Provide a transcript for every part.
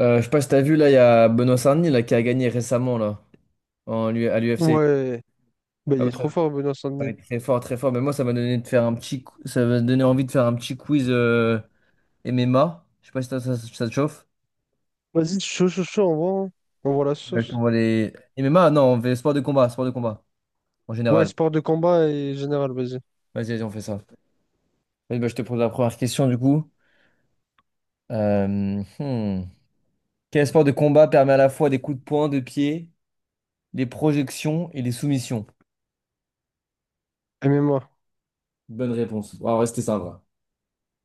Je sais pas si t'as vu là, il y a Benoît Sarny là, qui a gagné récemment là, en, à l'UFC. Ouais, bah, Ça il est trop fort, Benoît va Saint-Denis. être très fort, très fort. Mais moi, ça m'a donné de faire un petit, ça m'a donné envie de faire un petit quiz MMA. Je sais pas si ça te chauffe. Vas-y, chaud, chaud, chaud, on voit, hein. On voit la Ouais, je sauce. t'envoie les MMA, non, on fait sport de combat en Ouais, général. sport de combat et général, vas-y. Vas-y, on fait ça. Vas-y, bah, je te pose la première question du coup. Euh, hmm. Quel sport de combat permet à la fois des coups de poing, de pied, des projections et des soumissions? MMA. Bonne réponse. On va rester simple.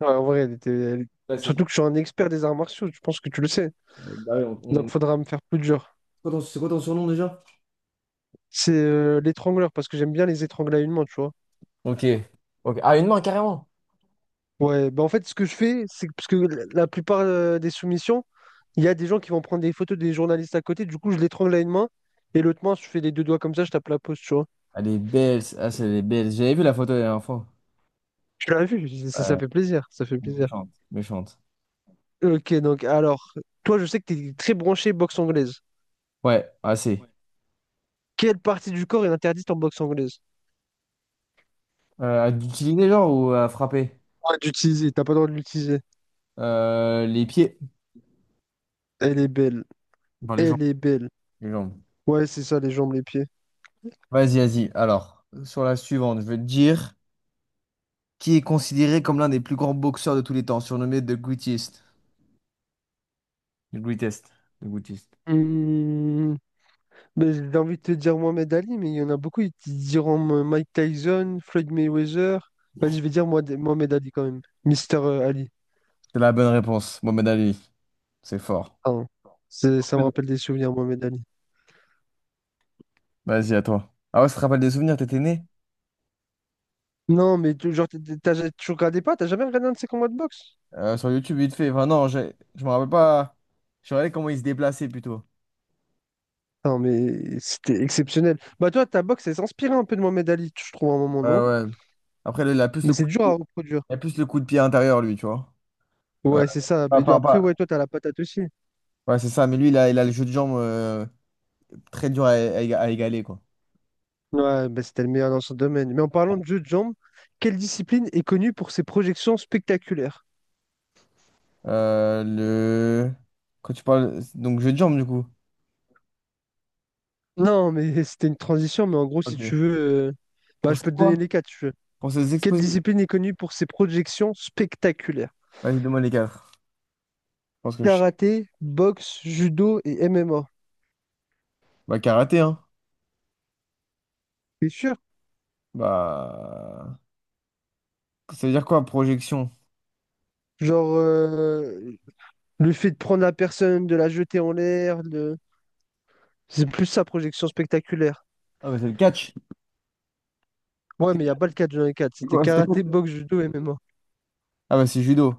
Ouais, en vrai, elle était. Surtout Classique. que je suis un expert des arts martiaux, je pense que tu le sais. Bah oui, Donc, on, faudra me faire plus dur. C'est quoi ton surnom déjà? C'est l'étrangleur, parce que j'aime bien les étrangler à une main, tu vois. Ok. Ok. Ah, une main, carrément. Ouais, bah en fait, ce que je fais, c'est que, parce que la plupart des soumissions, il y a des gens qui vont prendre des photos des journalistes à côté, du coup, je l'étrangle à une main, et l'autre main, je fais les deux doigts comme ça, je tape la pause, tu vois. Elle est belle. Ah, c'est elle est belle. J'avais vu la photo la dernière fois. Tu l'as vu, ça Ouais, fait plaisir, ça fait plaisir. méchante. Méchante. Ok, donc alors, toi, je sais que tu es très branché boxe anglaise. Ouais, assez. Ouais. Quelle partie du corps est interdite en boxe anglaise? À utiliser, genre, ou à frapper? Ouais, d'utiliser, t'as pas le droit de l'utiliser. Les pieds. Elle est belle, Enfin, les jambes. elle est belle. Les jambes. Ouais, c'est ça, les jambes, les pieds. Vas-y. Alors, sur la suivante, je vais te dire qui est considéré comme l'un des plus grands boxeurs de tous les temps, surnommé The Greatest. The Greatest. The Greatest. Hmm, mais j'ai envie de te dire Mohamed Ali, mais il y en a beaucoup. Ils te diront Mike Tyson, Floyd Mayweather. Vas-y, je vais dire moi, Mohamed Ali quand même. Mister Ali. C'est la bonne réponse. Mohamed Ali. C'est fort. Pardon. Ça me rappelle des souvenirs, Mohamed Ali. Vas-y, à toi. Ah ouais, ça te rappelle des souvenirs, t'étais né? Non, mais genre, tu regardais pas, t'as jamais regardé un de ses combats de boxe? Sur YouTube, vite fait. Enfin, non, je me rappelle pas. Je regardais comment il se déplaçait plutôt. Non, mais c'était exceptionnel. Bah, toi, ta boxe, elle s'inspirait un peu de Mohamed Ali, je trouve, à un moment, Ouais, non? ouais. Après, là, Mais c'est dur à reproduire. il a plus le coup de pied intérieur, lui, tu vois. Euh, Ouais, c'est ça. Mais Enfin, pas. après, ouais, Pas. toi, t'as la patate aussi. Ouais, c'est ça, mais lui, il a le jeu de jambes très dur à, à égaler, quoi. Ouais, bah, c'était le meilleur dans son domaine. Mais en parlant de jeu de jambes, quelle discipline est connue pour ses projections spectaculaires? Le... Quand tu parles... Donc, jeu de jambes, du coup. Non, mais c'était une transition, mais en gros, si Ok. tu veux, euh, bah, Pour je c'est peux te donner quoi? les quatre, si tu veux. Pour se Quelle exposer. discipline est connue pour ses projections spectaculaires? Vas-y, demande les quatre. Je pense que je... Karaté, boxe, judo et MMA. Bah, karaté, hein. C'est sûr? Bah... Ça veut dire quoi, projection? Genre, le fait de prendre la personne, de la jeter en l'air, de c'est plus sa projection spectaculaire. Ah, bah, c'est le catch. Ouais, mais il n'y a pas le 4 dans les 4. C'est C'était quoi? C'était quoi? karaté, boxe, judo, MMA. Ah, bah, c'est judo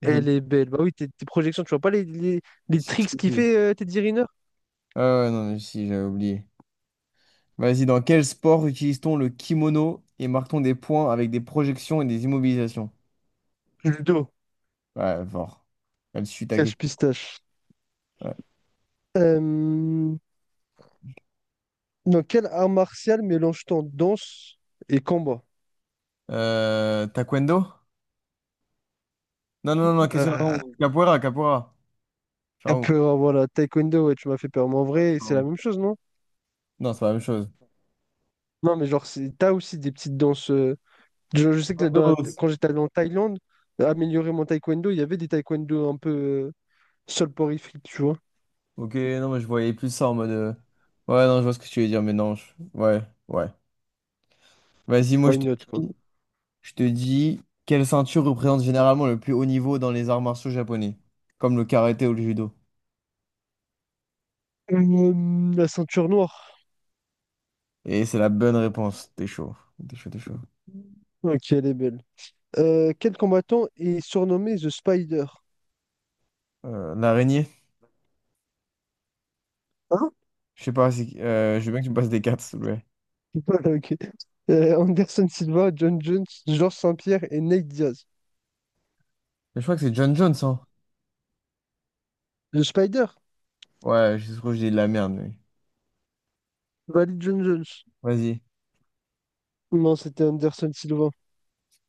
judo. Elle est belle. Bah oui, tes projections, tu vois pas les Si, tricks qu'il si. fait, Teddy Riner? Ah ouais, non, mais si, j'avais oublié. Vas-y, dans quel sport utilise-t-on le kimono et marque-t-on des points avec des projections et des immobilisations? Judo, Ouais, fort. Elle suit ta cache question. pistache. Ouais. Euh, Dans quel art martial mélange-t-on danse et combat? Taekwondo? Non, non, non, non, question Ah, d'avant. Capoeira. Ciao. capoeira, voilà, taekwondo, ouais, tu m'as fait peur. Mais en Ouais, vrai, c'est la ciao. même chose, non? Non, c'est pas la même chose. Non, mais genre, t'as aussi des petites danses. Je sais que dans Taekwondo. Quand j'étais allé en Thaïlande, améliorer mon taekwondo, il y avait des taekwondo un peu soporifiques, tu vois. Ok, non, mais je voyais plus ça en mode. Ouais, non, je vois ce que tu veux dire, mais non. Ouais, ouais. Vas-y, moi, Why not, quoi. dis. Je te dis, quelle ceinture représente généralement le plus haut niveau dans les arts martiaux japonais, comme le karaté ou le judo? La ceinture noire. Et c'est la bonne réponse. T'es chaud. T'es chaud. Ok, elle est belle. Quel combattant est surnommé The Spider? L'araignée? Hein? Je sais pas, je veux bien que tu me passes des cartes, s'il te plaît. Ok. Anderson Silva, John Jones, Georges Saint-Pierre et Nate Diaz. Mais je crois que c'est John Jones, hein? The Spider? Ouais, je trouve que je dis de la merde, mais... Valide John Jones. Vas-y. Non, c'était Anderson Silva.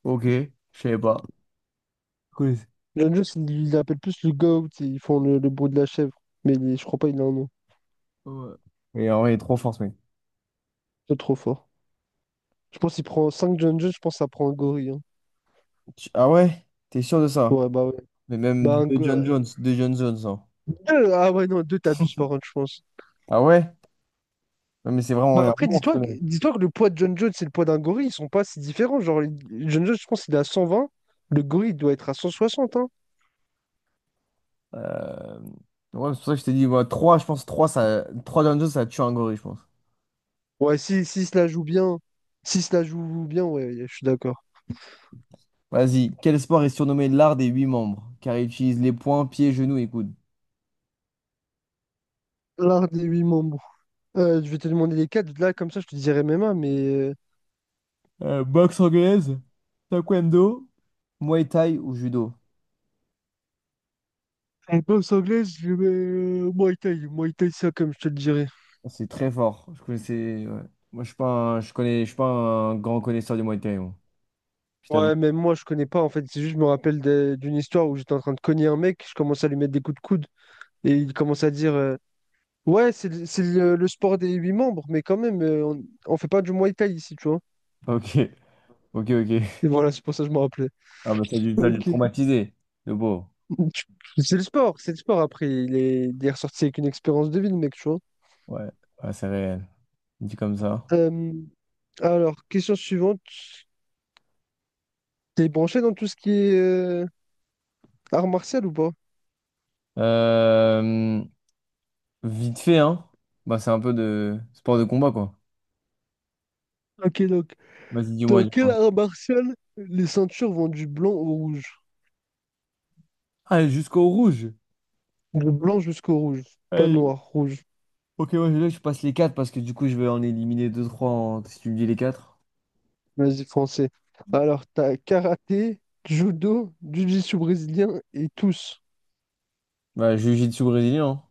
Ok, je savais pas. Cool. John Jones, il l'appelle plus le GOAT et ils font le bruit de la chèvre. Mais je crois pas il a un nom. Ouais. Mais en vrai, il est trop fort, ce mec. C'est trop fort. Je pense qu'il prend 5 John Jones, je pense que ça prend un gorille, hein. Ah ouais? T'es sûr de ça? Ouais. Mais Bah, même de John Jones, hein. deux, ah ouais, non, deux t'abuses par contre, je pense. Ah ouais? Non, mais c'est vraiment Bah un après, monstre. Dis-toi que le poids de John Jones et le poids d'un gorille, ils sont pas si différents. John Jones, je pense qu'il est à 120, le gorille il doit être à 160, hein. Euh, Ouais, c'est pour ça que je t'ai dit, ouais, 3, je pense 3 ça, 3 Down Jones, ça tue un gorille, je pense. Ouais, si, si se la joue bien, si se la joue bien, ouais, je suis d'accord. Vas-y, quel sport est surnommé l'art des 8 membres? Car il utilise les poings, pieds, genoux et coudes. L'art des huit membres. Je vais te demander les quatre, là, comme ça, je te dirais MMA, mais... Boxe anglaise, taekwondo, muay thai ou judo? en boxe anglaise, je mets Muay Thai, Muay Thai, ça, comme je te le dirais. Ah, c'est très fort. Je connaissais, ouais. Moi, je connais, je suis pas un grand connaisseur du muay thai, moi. Je t'avoue. Ouais, même moi, je connais pas en fait. C'est juste, je me rappelle de- d'une histoire où j'étais en train de cogner un mec, je commence à lui mettre des coups de coude et il commence à dire ouais, c'est le sport des huit membres, mais quand même, on fait pas du Muay Thai ici, tu vois. Ok, ok. Et voilà, c'est pour ça que je me rappelais. Ah, bah, ça a dû le Ok. traumatiser, le beau. Tu- C'est le sport, c'est le sport. Après, il est ressorti avec une expérience de vie, le mec, tu vois. Ouais, ouais, c'est réel. Dit comme ça. Euh, alors, question suivante. T'es branché dans tout ce qui est art martial ou pas? Euh, Vite fait, hein? Bah, c'est un peu de sport de combat, quoi. Ok, donc, dans quel Dis-moi. art martial les ceintures vont du blanc au rouge? Allez, jusqu'au rouge. Du blanc jusqu'au rouge. Pas Allez. noir, rouge. Ok, moi, là, je passe les 4 parce que du coup, je vais en éliminer deux trois. En... si tu me dis les 4, Vas-y, foncé. Alors, t'as karaté, judo, jiu-jitsu brésilien et tous. bah, jiu-jitsu brésilien, hein.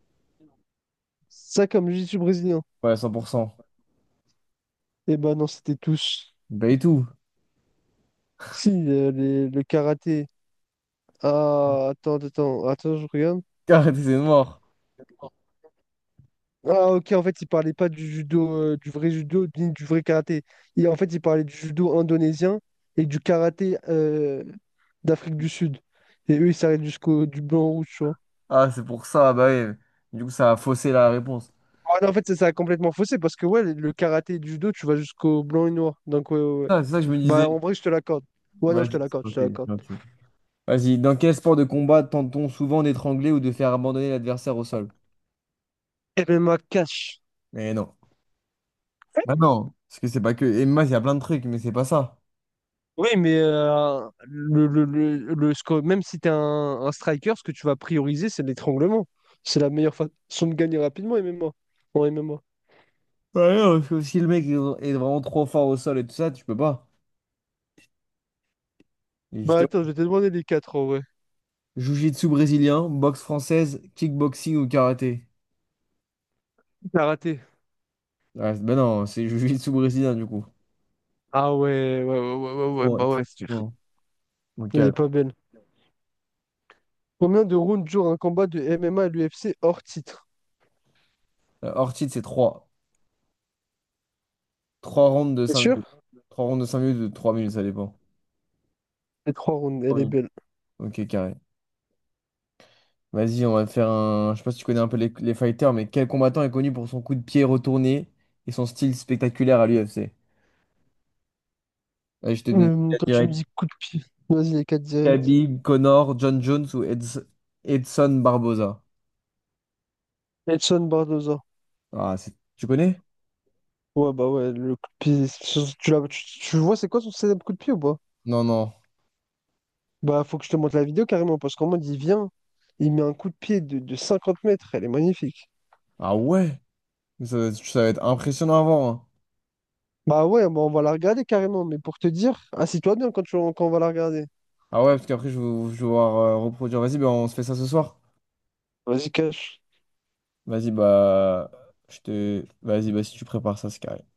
Ça comme jiu-jitsu brésilien. Ouais, 100%. Eh ben non, c'était tous. Bah, et tout. Si, le karaté. Ah, attends, attends, attends, je regarde. Arrêtez, c'est mort. Ah, ok, en fait, il parlait pas du judo, du vrai judo, ni du vrai karaté. En fait, il parlait du judo indonésien et du karaté d'Afrique du Sud. Et eux, ils s'arrêtent jusqu'au du blanc-rouge. Ah, c'est pour ça, bah ouais. Du coup, ça a faussé la réponse. Ouais, non, en fait, c'est ça a complètement faussé parce que ouais, le karaté et le judo, tu vas jusqu'au blanc et noir. Donc ouais, ouais, ouais. Ah, c'est ça que je me disais. Bah en vrai, je te l'accorde. Ouais, non, je te Vas-y, l'accorde, je ok, te l'accorde. ok. Vas-y, dans quel sport de combat tente-t-on souvent d'étrangler ou de faire abandonner l'adversaire au sol? MMA cash. Mais non. Bah non, parce que c'est pas que. Et moi, il y a plein de trucs, mais c'est pas ça. Oui, mais même si t'es un striker, ce que tu vas prioriser, c'est l'étranglement. C'est la meilleure façon de gagner rapidement MMA. En MMA. Ouais, non, parce que si le mec est vraiment trop fort au sol et tout ça, tu peux pas. Et Bah justement, attends, je vais te demander les quatre en vrai. jiu-jitsu brésilien, boxe française, kickboxing ou karaté. Karaté. Ouais, ben non, c'est jiu-jitsu brésilien du coup. Ah ouais, ouais, ouais, ouais, ouais, ouais, ouais, Ouais. bah ouais, c'est sûr. Bon, bon, Elle est calme. pas belle. Combien de rounds dure un combat de MMA à l'UFC hors titre? Hors titre, c'est trois rounds de C'est 5 minutes. sûr? Trois rounds de 5 minutes ou de trois minutes, ça dépend. Les trois rounds, elle 3 est minutes. belle. Ok, carré. Vas-y, on va faire un. Je sais pas si tu connais un peu les fighters, mais quel combattant est connu pour son coup de pied retourné et son style spectaculaire à l'UFC? Allez, je te mets Quand tu me direct. dis coup de pied, vas-y, les 4 directs. Khabib, Connor, John Jones ou Edson Barboza. Edson Barboza. Ah, c'est- tu connais? Ouais, bah ouais, le coup de pied. Tu, tu, tu vois, c'est quoi son célèbre coup de pied ou pas? Non, non. Bah, faut que je te montre la vidéo carrément, parce qu'en mode, il vient, il met un coup de pied de 50 mètres, elle est magnifique. Ah ouais? Ça va être impressionnant à voir, hein. Bah ouais, bah on va la regarder carrément, mais pour te dire, assis-toi bien quand, tu, quand on va la regarder. Ah ouais, parce qu'après, je vais voir reproduire. Vas-y, bah, on se fait ça ce soir. Vas-y, cache. Vas-y, bah. Je te. Vas-y, bah, si tu prépares ça, c'est carré.